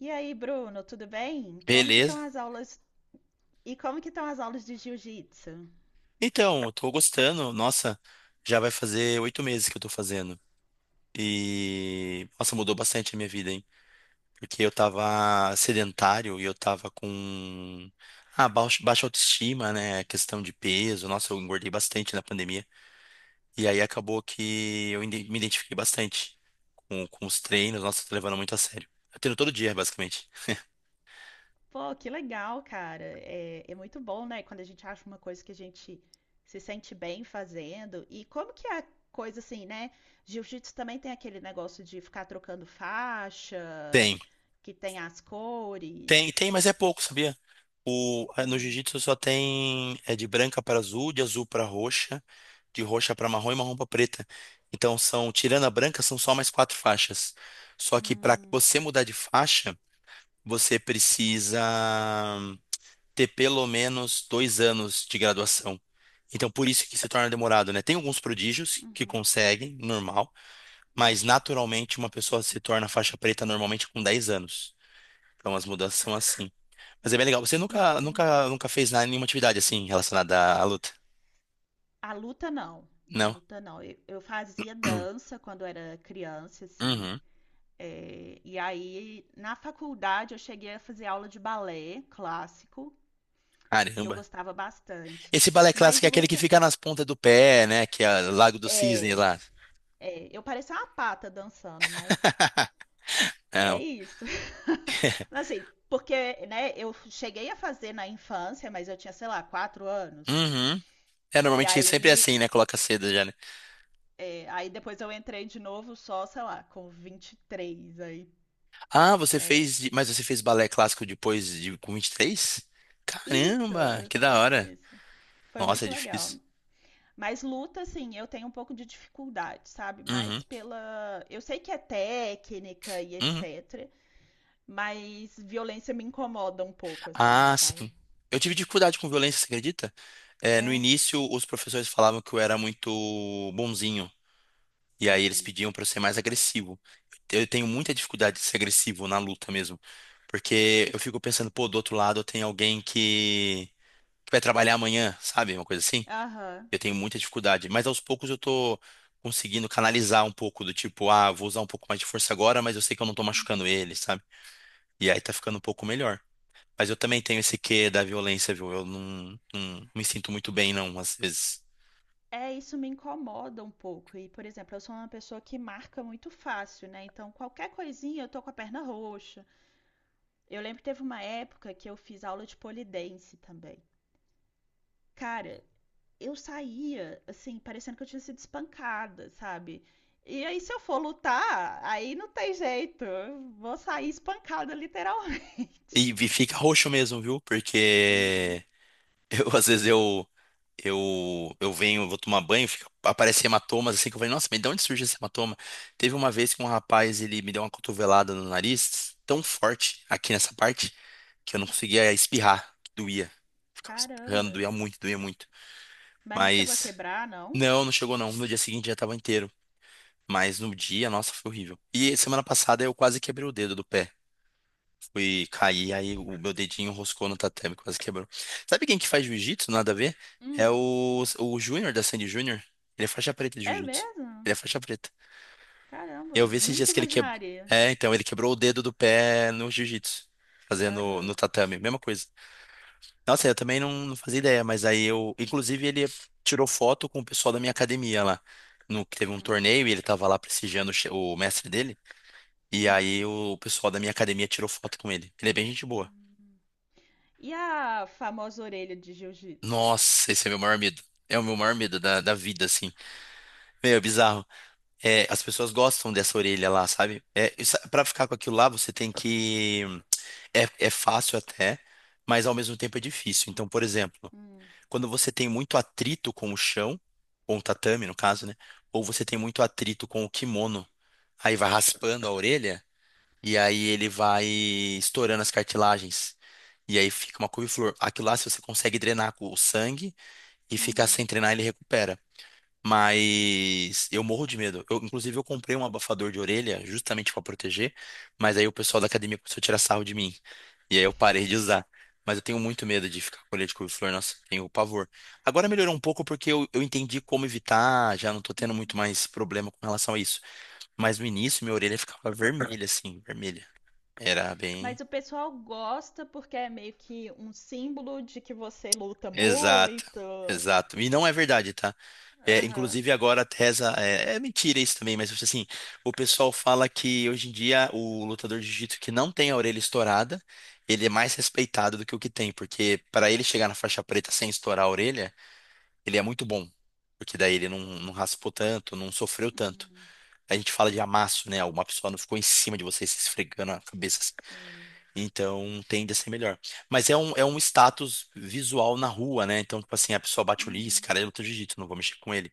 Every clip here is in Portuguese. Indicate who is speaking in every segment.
Speaker 1: E aí, Bruno, tudo bem? Como que estão
Speaker 2: Beleza.
Speaker 1: as aulas? E como que estão as aulas de jiu-jitsu?
Speaker 2: Então, eu tô gostando. Nossa, já vai fazer oito meses que eu tô fazendo. E, nossa, mudou bastante a minha vida, hein? Porque eu tava sedentário e eu tava com baixa autoestima, né? Questão de peso. Nossa, eu engordei bastante na pandemia. E aí acabou que me identifiquei bastante com os treinos. Nossa, eu tô levando muito a sério. Eu treino todo dia, basicamente.
Speaker 1: Pô, que legal, cara. É muito bom, né? Quando a gente acha uma coisa que a gente se sente bem fazendo. E como que é a coisa assim, né? Jiu-jitsu também tem aquele negócio de ficar trocando faixa,
Speaker 2: Tem.
Speaker 1: que tem as
Speaker 2: Tem,
Speaker 1: cores.
Speaker 2: tem, mas é pouco, sabia? No
Speaker 1: Hum,
Speaker 2: jiu-jitsu só tem é de branca para azul, de azul para roxa, de roxa para marrom e marrom para preta. Então são, tirando a branca, são só mais quatro faixas. Só que para
Speaker 1: hum,
Speaker 2: você mudar de faixa, você precisa ter pelo menos dois anos de graduação. Então por isso que se torna demorado, né? Tem alguns prodígios que
Speaker 1: uhum,
Speaker 2: conseguem, normal, mas
Speaker 1: uhum.
Speaker 2: naturalmente uma pessoa se torna faixa preta normalmente com 10 anos. Então as mudanças são assim. Mas é bem legal. Você nunca,
Speaker 1: Entendi.
Speaker 2: nunca, nunca fez nada, nenhuma atividade assim relacionada à luta?
Speaker 1: A luta não. A
Speaker 2: Não?
Speaker 1: luta não. Eu fazia dança quando era criança, assim.
Speaker 2: Uhum.
Speaker 1: É, e aí, na faculdade, eu cheguei a fazer aula de balé clássico, que eu
Speaker 2: Caramba.
Speaker 1: gostava bastante.
Speaker 2: Esse balé
Speaker 1: Mas
Speaker 2: clássico é aquele que
Speaker 1: luta.
Speaker 2: fica nas pontas do pé, né? Que é o Lago do Cisne
Speaker 1: É,
Speaker 2: lá.
Speaker 1: eu parecia uma pata dançando, mas é
Speaker 2: Não.
Speaker 1: isso. Mas, assim, porque, né, eu cheguei a fazer na infância, mas eu tinha, sei lá, quatro anos.
Speaker 2: Uhum. É,
Speaker 1: E
Speaker 2: normalmente sempre é
Speaker 1: aí,
Speaker 2: assim, né? Coloca cedo já, né?
Speaker 1: aí depois eu entrei de novo só, sei lá, com 23 aí,
Speaker 2: Ah, você
Speaker 1: né?
Speaker 2: fez. Mas você fez balé clássico depois de com 23?
Speaker 1: Isso,
Speaker 2: Caramba, que
Speaker 1: isso,
Speaker 2: da hora.
Speaker 1: isso. Foi
Speaker 2: Nossa, é
Speaker 1: muito legal.
Speaker 2: difícil.
Speaker 1: Mas luta, assim, eu tenho um pouco de dificuldade, sabe?
Speaker 2: Uhum.
Speaker 1: Mais pela. Eu sei que é técnica e
Speaker 2: Uhum.
Speaker 1: etc. Mas violência me incomoda um pouco, assim,
Speaker 2: Ah,
Speaker 1: sabe?
Speaker 2: sim. Eu tive dificuldade com violência, você acredita? É, no
Speaker 1: É?
Speaker 2: início, os professores falavam que eu era muito bonzinho. E aí eles
Speaker 1: Uhum.
Speaker 2: pediam para eu ser mais agressivo. Eu tenho muita dificuldade de ser agressivo na luta mesmo. Porque eu fico pensando, pô, do outro lado tem alguém que vai trabalhar amanhã, sabe? Uma coisa assim.
Speaker 1: Aham.
Speaker 2: Eu tenho muita dificuldade. Mas aos poucos eu tô conseguindo canalizar um pouco do tipo, ah, vou usar um pouco mais de força agora, mas eu sei que eu não tô machucando ele, sabe? E aí tá ficando um pouco melhor. Mas eu também tenho esse quê da violência, viu? Eu não, não me sinto muito bem, não, às vezes.
Speaker 1: É, isso me incomoda um pouco. E, por exemplo, eu sou uma pessoa que marca muito fácil, né? Então, qualquer coisinha eu tô com a perna roxa. Eu lembro que teve uma época que eu fiz aula de pole dance também. Cara, eu saía, assim, parecendo que eu tinha sido espancada, sabe? E aí, se eu for lutar, aí não tem jeito. Eu vou sair espancada, literalmente.
Speaker 2: E fica roxo mesmo, viu?
Speaker 1: Uhum.
Speaker 2: Porque eu, às vezes, eu venho, vou tomar banho, fica, aparece hematomas, assim, que eu falei, nossa, mas de onde surge esse hematoma? Teve uma vez que um rapaz, ele me deu uma cotovelada no nariz, tão forte, aqui nessa parte, que eu não conseguia espirrar, que doía. Ficava espirrando,
Speaker 1: Caramba.
Speaker 2: doía muito, doía muito.
Speaker 1: Mas não chegou a
Speaker 2: Mas,
Speaker 1: quebrar, não?
Speaker 2: não, não chegou não, no dia seguinte já tava inteiro. Mas no dia, nossa, foi horrível. E semana passada eu quase quebrei o dedo do pé. Fui cair, aí o meu dedinho roscou no tatame, quase quebrou. Sabe quem que faz jiu-jitsu? Nada a ver? É
Speaker 1: Hum.
Speaker 2: o Júnior da Sandy Júnior. Ele é faixa preta de
Speaker 1: É
Speaker 2: jiu-jitsu.
Speaker 1: mesmo?
Speaker 2: Ele é faixa preta. Eu
Speaker 1: Caramba,
Speaker 2: vi esses
Speaker 1: nunca
Speaker 2: dias que ele quebrou.
Speaker 1: imaginaria.
Speaker 2: É, então, ele quebrou o dedo do pé no jiu-jitsu. Fazendo no
Speaker 1: Aham.
Speaker 2: tatame, mesma coisa. Nossa, eu também não, não fazia ideia, mas aí eu. Inclusive, ele tirou foto com o pessoal da minha academia lá. No, que teve um
Speaker 1: Hum.
Speaker 2: torneio e ele tava lá prestigiando o mestre dele. E
Speaker 1: Uhum.
Speaker 2: aí o pessoal da minha academia tirou foto com ele. Ele é bem gente boa.
Speaker 1: Hum. E a famosa orelha de jiu-jitsu?
Speaker 2: Nossa, esse é meu maior medo. É o meu maior medo da vida, assim. Meu, é bizarro. É, as pessoas gostam dessa orelha lá, sabe? É, isso- pra ficar com aquilo lá, você tem que. É, é fácil até, mas ao mesmo tempo é difícil. Então, por exemplo,
Speaker 1: Hum.
Speaker 2: quando você tem muito atrito com o chão, com o tatame, no caso, né? Ou você tem muito atrito com o kimono, aí vai raspando a orelha. E aí ele vai estourando as cartilagens. E aí fica uma couve-flor. Aquilo lá, se você consegue drenar com o sangue e ficar
Speaker 1: Uhum.
Speaker 2: sem drenar, ele recupera. Mas eu morro de medo. Eu, inclusive, eu comprei um abafador de orelha justamente para proteger, mas aí o pessoal da academia começou a tirar sarro de mim. E aí eu parei de usar. Mas eu tenho muito medo de ficar com orelha de couve-flor. Nossa, tenho pavor. Agora melhorou um pouco porque eu entendi como evitar, já não tô tendo
Speaker 1: Uhum.
Speaker 2: muito mais problema com relação a isso. Mas no início, minha orelha ficava vermelha, assim, vermelha. Era bem.
Speaker 1: Mas o pessoal gosta porque é meio que um símbolo de que você luta
Speaker 2: Exato,
Speaker 1: muito.
Speaker 2: exato. E não é verdade, tá? É,
Speaker 1: Aham.
Speaker 2: inclusive agora a tesa é, é mentira isso também, mas tipo assim, o pessoal fala que hoje em dia o lutador de jiu-jitsu que não tem a orelha estourada, ele é mais respeitado do que o que tem, porque para ele chegar na faixa preta sem estourar a orelha, ele é muito bom, porque daí ele não, não raspou tanto, não sofreu tanto.
Speaker 1: Uhum.
Speaker 2: A gente fala de amasso, né? Uma pessoa não ficou em cima de você se esfregando a cabeça.
Speaker 1: Sim.
Speaker 2: Então tende a ser melhor. Mas é um status visual na rua, né? Então, tipo assim, a pessoa bate o olho, "Ih, esse
Speaker 1: Uhum.
Speaker 2: cara é luta de jiu-jitsu, não vou mexer com ele.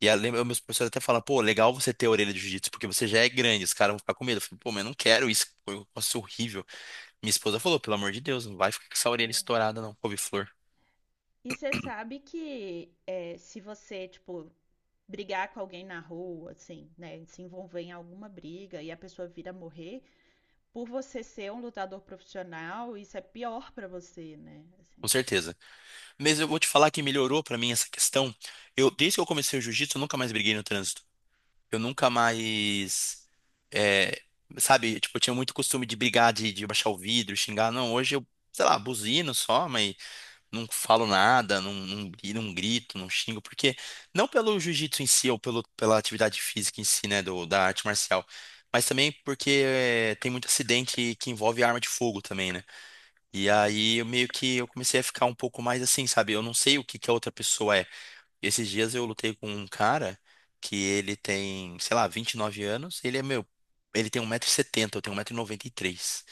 Speaker 2: E a, lembra- meus professores até falam, pô, legal você ter a orelha de jiu-jitsu, porque você já é grande, os caras vão ficar com medo. Eu falei, pô, mas eu não quero isso, eu posso horrível. Minha esposa falou, pelo amor de Deus, não vai ficar com essa orelha
Speaker 1: É.
Speaker 2: estourada, não, couve-flor.
Speaker 1: E você sabe que é, se você, tipo, brigar com alguém na rua, assim, né, se envolver em alguma briga e a pessoa vir a morrer, por você ser um lutador profissional, isso é pior pra você, né?
Speaker 2: Com
Speaker 1: Assim.
Speaker 2: certeza. Mas eu vou te falar que melhorou pra mim essa questão. Eu, desde que eu comecei o jiu-jitsu, eu nunca mais briguei no trânsito. Eu nunca mais, é, sabe, tipo, eu tinha muito costume de brigar, de baixar o vidro, xingar. Não, hoje eu, sei lá, buzino só, mas não falo nada, não, não
Speaker 1: Uhum.
Speaker 2: grito, não xingo, porque não pelo jiu-jitsu em si ou pelo, pela atividade física em si, né, da arte marcial, mas também porque é, tem muito acidente que envolve arma de fogo também, né? E
Speaker 1: Sim.
Speaker 2: aí eu meio que eu comecei a ficar um pouco mais assim, sabe? Eu não sei o que que a outra pessoa é. E esses dias eu lutei com um cara que ele tem, sei lá, 29 anos. Ele é meu. Ele tem um 170 setenta, eu tenho um metro e noventa e três,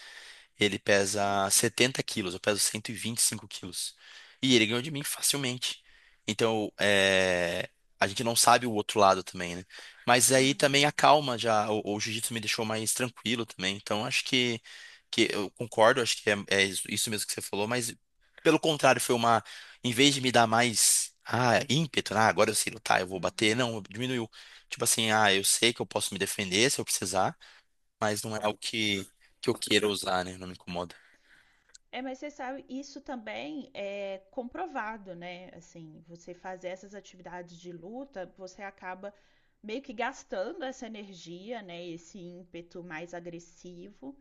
Speaker 2: ele pesa
Speaker 1: Eita.
Speaker 2: 70 quilos, eu peso cento e vinte e cinco quilos. E ele ganhou de mim facilmente. Então, é, a gente não sabe o outro lado também, né? Mas aí também
Speaker 1: Uhum.
Speaker 2: a calma já, o jiu-jitsu me deixou mais tranquilo também. Então, acho que eu concordo, acho que é, é isso mesmo que você falou, mas pelo contrário, foi uma, em vez de me dar mais, ah, ímpeto, ah, agora eu sei lutar, eu vou bater,
Speaker 1: Uhum.
Speaker 2: não, diminuiu. Tipo assim, ah, eu sei que eu posso me defender se eu precisar, mas não é algo que eu queira usar, né? Não me incomoda.
Speaker 1: É, mas você sabe, isso também é comprovado, né? Assim, você fazer essas atividades de luta, você acaba meio que gastando essa energia, né? Esse ímpeto mais agressivo,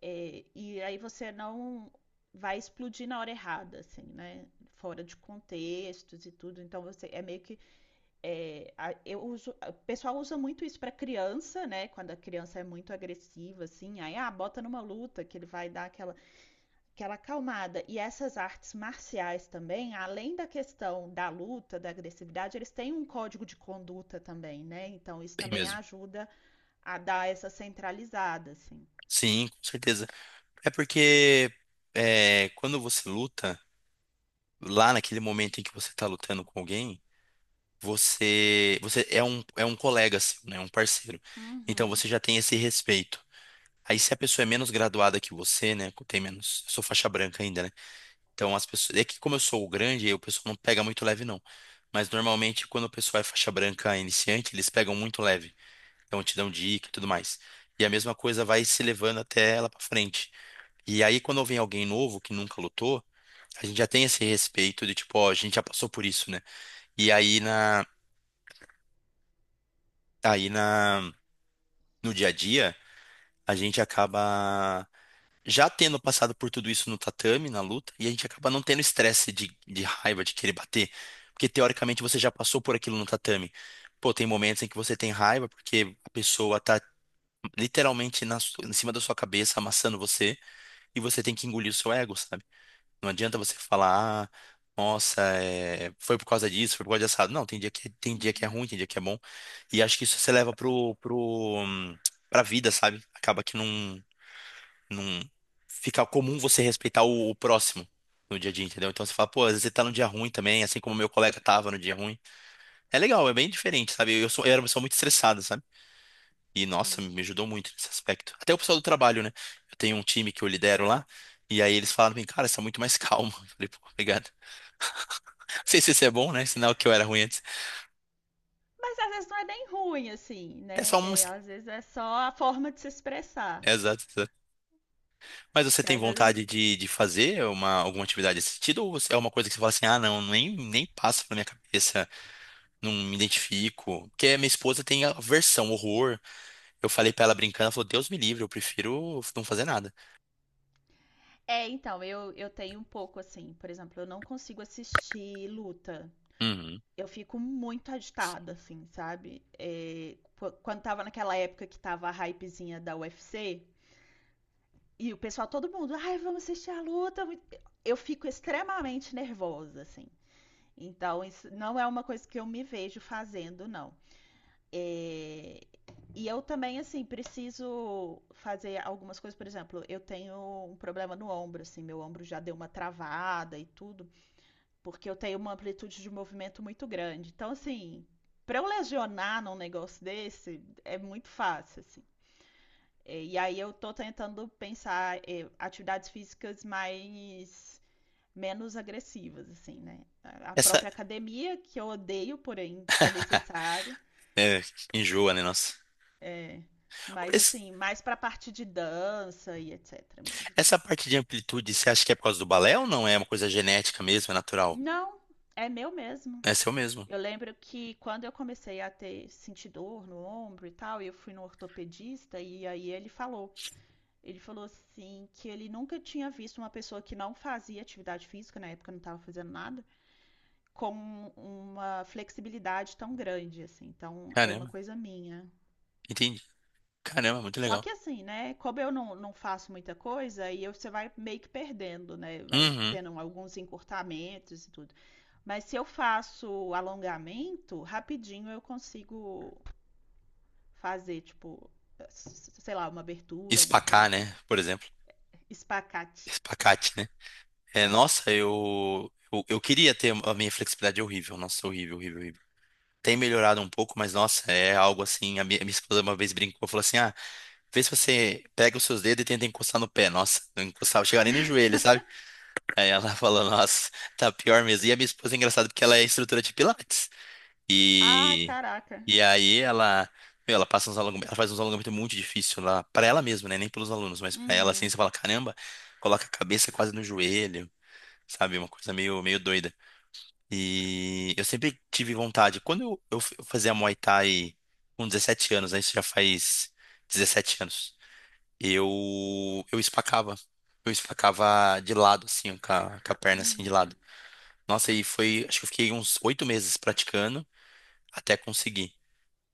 Speaker 1: é, e aí você não vai explodir na hora errada, assim, né? Fora de contextos e tudo. Então você é meio que é, a- eu uso, o pessoal usa muito isso para criança, né? Quando a criança é muito agressiva, assim, aí ah, bota numa luta que ele vai dar aquela acalmada. E essas artes marciais também, além da questão da luta, da agressividade, eles têm um código de conduta também, né? Então isso
Speaker 2: Bem
Speaker 1: também
Speaker 2: mesmo.
Speaker 1: ajuda a dar essa centralizada, assim.
Speaker 2: Sim, com certeza. É porque é, quando você luta, lá naquele momento em que você tá lutando com alguém, você, é um colega seu, né? Um parceiro. Então
Speaker 1: Uhum,
Speaker 2: você já tem esse respeito. Aí se a pessoa é menos graduada que você, né? Tem menos. Eu sou faixa branca ainda, né? Então as pessoas. É que como eu sou o grande, o pessoal não pega muito leve, não. Mas normalmente quando o pessoal é faixa branca iniciante, eles pegam muito leve. Então te dão dica e tudo mais. E a mesma coisa vai se levando até ela pra frente. E aí quando vem alguém novo que nunca lutou, a gente já tem esse respeito de tipo, ó, a gente já passou por isso, né? E aí na No dia a dia, a gente acaba já tendo passado por tudo isso no tatame, na luta, e a gente acaba não tendo estresse de raiva, de querer bater, porque teoricamente você já passou por aquilo no tatame. Pô, tem momentos em que você tem raiva porque a pessoa tá literalmente em cima da sua cabeça, amassando você, e você tem que engolir o seu ego, sabe? Não adianta você falar, ah, nossa, é, foi por causa disso, foi por causa disso. Não, tem dia que é
Speaker 1: uhum,
Speaker 2: ruim, tem dia que é bom. E acho que isso você leva pro, hum, pra vida, sabe? Acaba que não, não fica comum você respeitar o próximo no dia a dia, entendeu? Então você fala, pô, às vezes você tá num dia ruim também, assim como meu colega tava no dia ruim. É legal, é bem diferente, sabe? Eu sou, eu era uma pessoa muito estressada, sabe? E, nossa,
Speaker 1: uhum.
Speaker 2: me ajudou muito nesse aspecto. Até o pessoal do trabalho, né? Eu tenho um time que eu lidero lá, e aí eles falaram pra mim, cara, você é muito mais calmo. Eu falei, pô, obrigado. Não sei se isso é bom, né? Sinal que eu era ruim antes.
Speaker 1: Mas às vezes não é nem ruim, assim,
Speaker 2: É só
Speaker 1: né?
Speaker 2: um.
Speaker 1: É, às vezes é só a forma de se expressar.
Speaker 2: É, exato, exato. Mas você
Speaker 1: Que
Speaker 2: tem
Speaker 1: às vezes.
Speaker 2: vontade de fazer uma, alguma atividade desse sentido? Ou você- é uma coisa que você fala assim, ah, não, nem, nem passa pela minha cabeça, não me identifico? Porque a minha esposa tem aversão, horror. Eu falei pra ela brincando, ela falou, Deus me livre, eu prefiro não fazer nada.
Speaker 1: É, então, eu tenho um pouco assim, por exemplo, eu não consigo assistir luta.
Speaker 2: Uhum.
Speaker 1: Eu fico muito agitada, assim, sabe? É, quando tava naquela época que tava a hypezinha da UFC, e o pessoal, todo mundo, ai, vamos assistir a luta. Muito-" Eu fico extremamente nervosa, assim. Então, isso não é uma coisa que eu me vejo fazendo, não. É, e eu também, assim, preciso fazer algumas coisas. Por exemplo, eu tenho um problema no ombro, assim, meu ombro já deu uma travada e tudo porque eu tenho uma amplitude de movimento muito grande. Então, assim, para eu lesionar num negócio desse, é muito fácil, assim. E aí eu tô tentando pensar atividades físicas mais menos agressivas, assim, né? A
Speaker 2: Essa.
Speaker 1: própria academia, que eu odeio, porém é necessário,
Speaker 2: É, enjoa, né, nossa?
Speaker 1: é, mas
Speaker 2: Esse-
Speaker 1: assim, mais pra parte de dança e etc mesmo.
Speaker 2: Essa parte de amplitude, você acha que é por causa do balé ou não? É uma coisa genética mesmo, é natural?
Speaker 1: Não, é meu mesmo.
Speaker 2: É seu mesmo.
Speaker 1: Eu lembro que quando eu comecei a ter sentir dor no ombro e tal, eu fui no ortopedista e aí ele falou assim que ele nunca tinha visto uma pessoa que não fazia atividade física, na época não estava fazendo nada, com uma flexibilidade tão grande assim. Então é uma
Speaker 2: Caramba,
Speaker 1: coisa minha.
Speaker 2: entendi. Caramba, muito
Speaker 1: Só
Speaker 2: legal.
Speaker 1: que assim, né? Como eu não faço muita coisa, aí eu- você vai meio que perdendo, né? Vai
Speaker 2: Uhum.
Speaker 1: tendo alguns encurtamentos e tudo. Mas se eu faço alongamento, rapidinho eu consigo fazer, tipo, sei lá, uma abertura, alguma coisa
Speaker 2: Espacar,
Speaker 1: assim.
Speaker 2: né? Por exemplo.
Speaker 1: Espacate.
Speaker 2: Espacate, né? É,
Speaker 1: É.
Speaker 2: nossa, eu queria ter a minha flexibilidade é horrível. Nossa, horrível, horrível, horrível. Tem melhorado um pouco, mas nossa, é algo assim. Minha esposa uma vez brincou, falou assim: ah, vê se você pega os seus dedos e tenta encostar no pé. Nossa, não encostava, chegava nem no joelho, sabe? Aí ela falou: nossa, tá pior mesmo. E a minha esposa é engraçada porque ela é instrutora de Pilates.
Speaker 1: Ah,
Speaker 2: E,
Speaker 1: caraca.
Speaker 2: e aí ela, meu, ela passa uns alongamento, ela faz uns alongamentos muito difícil lá, para ela mesma, né? Nem pelos alunos, mas para ela assim,
Speaker 1: Uhum,
Speaker 2: você fala, caramba, coloca a cabeça quase no joelho, sabe? Uma coisa meio, meio doida. E eu sempre tive vontade. Quando eu, eu fazia Muay Thai com 17 anos, né? Isso já faz 17 anos. Eu espacava. Eu espacava de lado, assim, com a perna assim de
Speaker 1: uhum.
Speaker 2: lado. Nossa, e foi, acho que eu fiquei uns oito meses praticando até conseguir.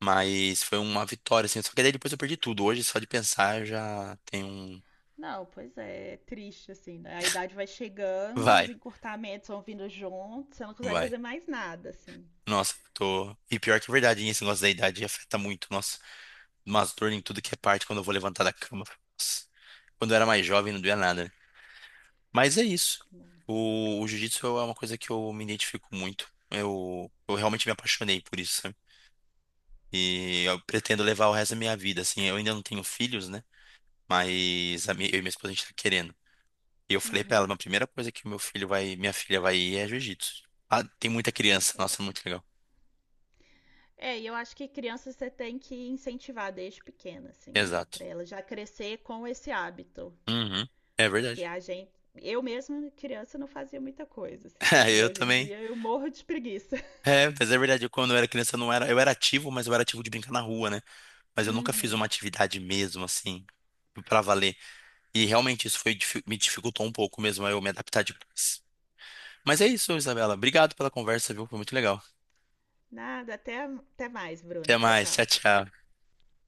Speaker 2: Mas foi uma vitória, assim. Só que daí depois eu perdi tudo. Hoje, só de pensar, eu já tem um.
Speaker 1: Não, pois é, é triste assim, né? A idade vai chegando, os
Speaker 2: Vai,
Speaker 1: encurtamentos vão vindo juntos, você não consegue
Speaker 2: vai.
Speaker 1: fazer mais nada, assim.
Speaker 2: Nossa, tô. E pior que é verdade, esse negócio da idade afeta muito. Nossa, umas dor em tudo que é parte quando eu vou levantar da cama. Nossa. Quando eu era mais jovem, não doía nada, né? Mas é isso.
Speaker 1: Não.
Speaker 2: O jiu-jitsu é uma coisa que eu me identifico muito. Eu realmente me apaixonei por isso, sabe? E eu pretendo levar o resto da minha vida, assim. Eu ainda não tenho filhos, né? Mas a minha, eu e minha esposa, a gente tá querendo. E eu falei pra
Speaker 1: Uhum.
Speaker 2: ela, a primeira coisa que o meu filho vai, minha filha vai ir é jiu-jitsu. Ah, tem muita criança, nossa, muito legal.
Speaker 1: É, e eu acho que criança você tem que incentivar desde pequena, assim, né?
Speaker 2: Exato.
Speaker 1: Pra ela já crescer com esse hábito.
Speaker 2: Uhum. É
Speaker 1: Porque
Speaker 2: verdade.
Speaker 1: a gente, eu mesma criança não fazia muita coisa assim, e
Speaker 2: Eu
Speaker 1: hoje em
Speaker 2: também.
Speaker 1: dia eu morro de preguiça.
Speaker 2: É, mas é verdade, eu, quando eu era criança eu não era, eu era ativo, mas eu era ativo de brincar na rua, né? Mas eu nunca fiz
Speaker 1: Uhum.
Speaker 2: uma atividade mesmo assim pra valer. E realmente isso me dificultou um pouco mesmo aí eu me adaptar depois. Mas é isso, Isabela. Obrigado pela conversa, viu? Foi muito legal.
Speaker 1: Nada, até mais,
Speaker 2: Até
Speaker 1: Bruna. Tchau,
Speaker 2: mais. Tchau,
Speaker 1: tchau.
Speaker 2: tchau.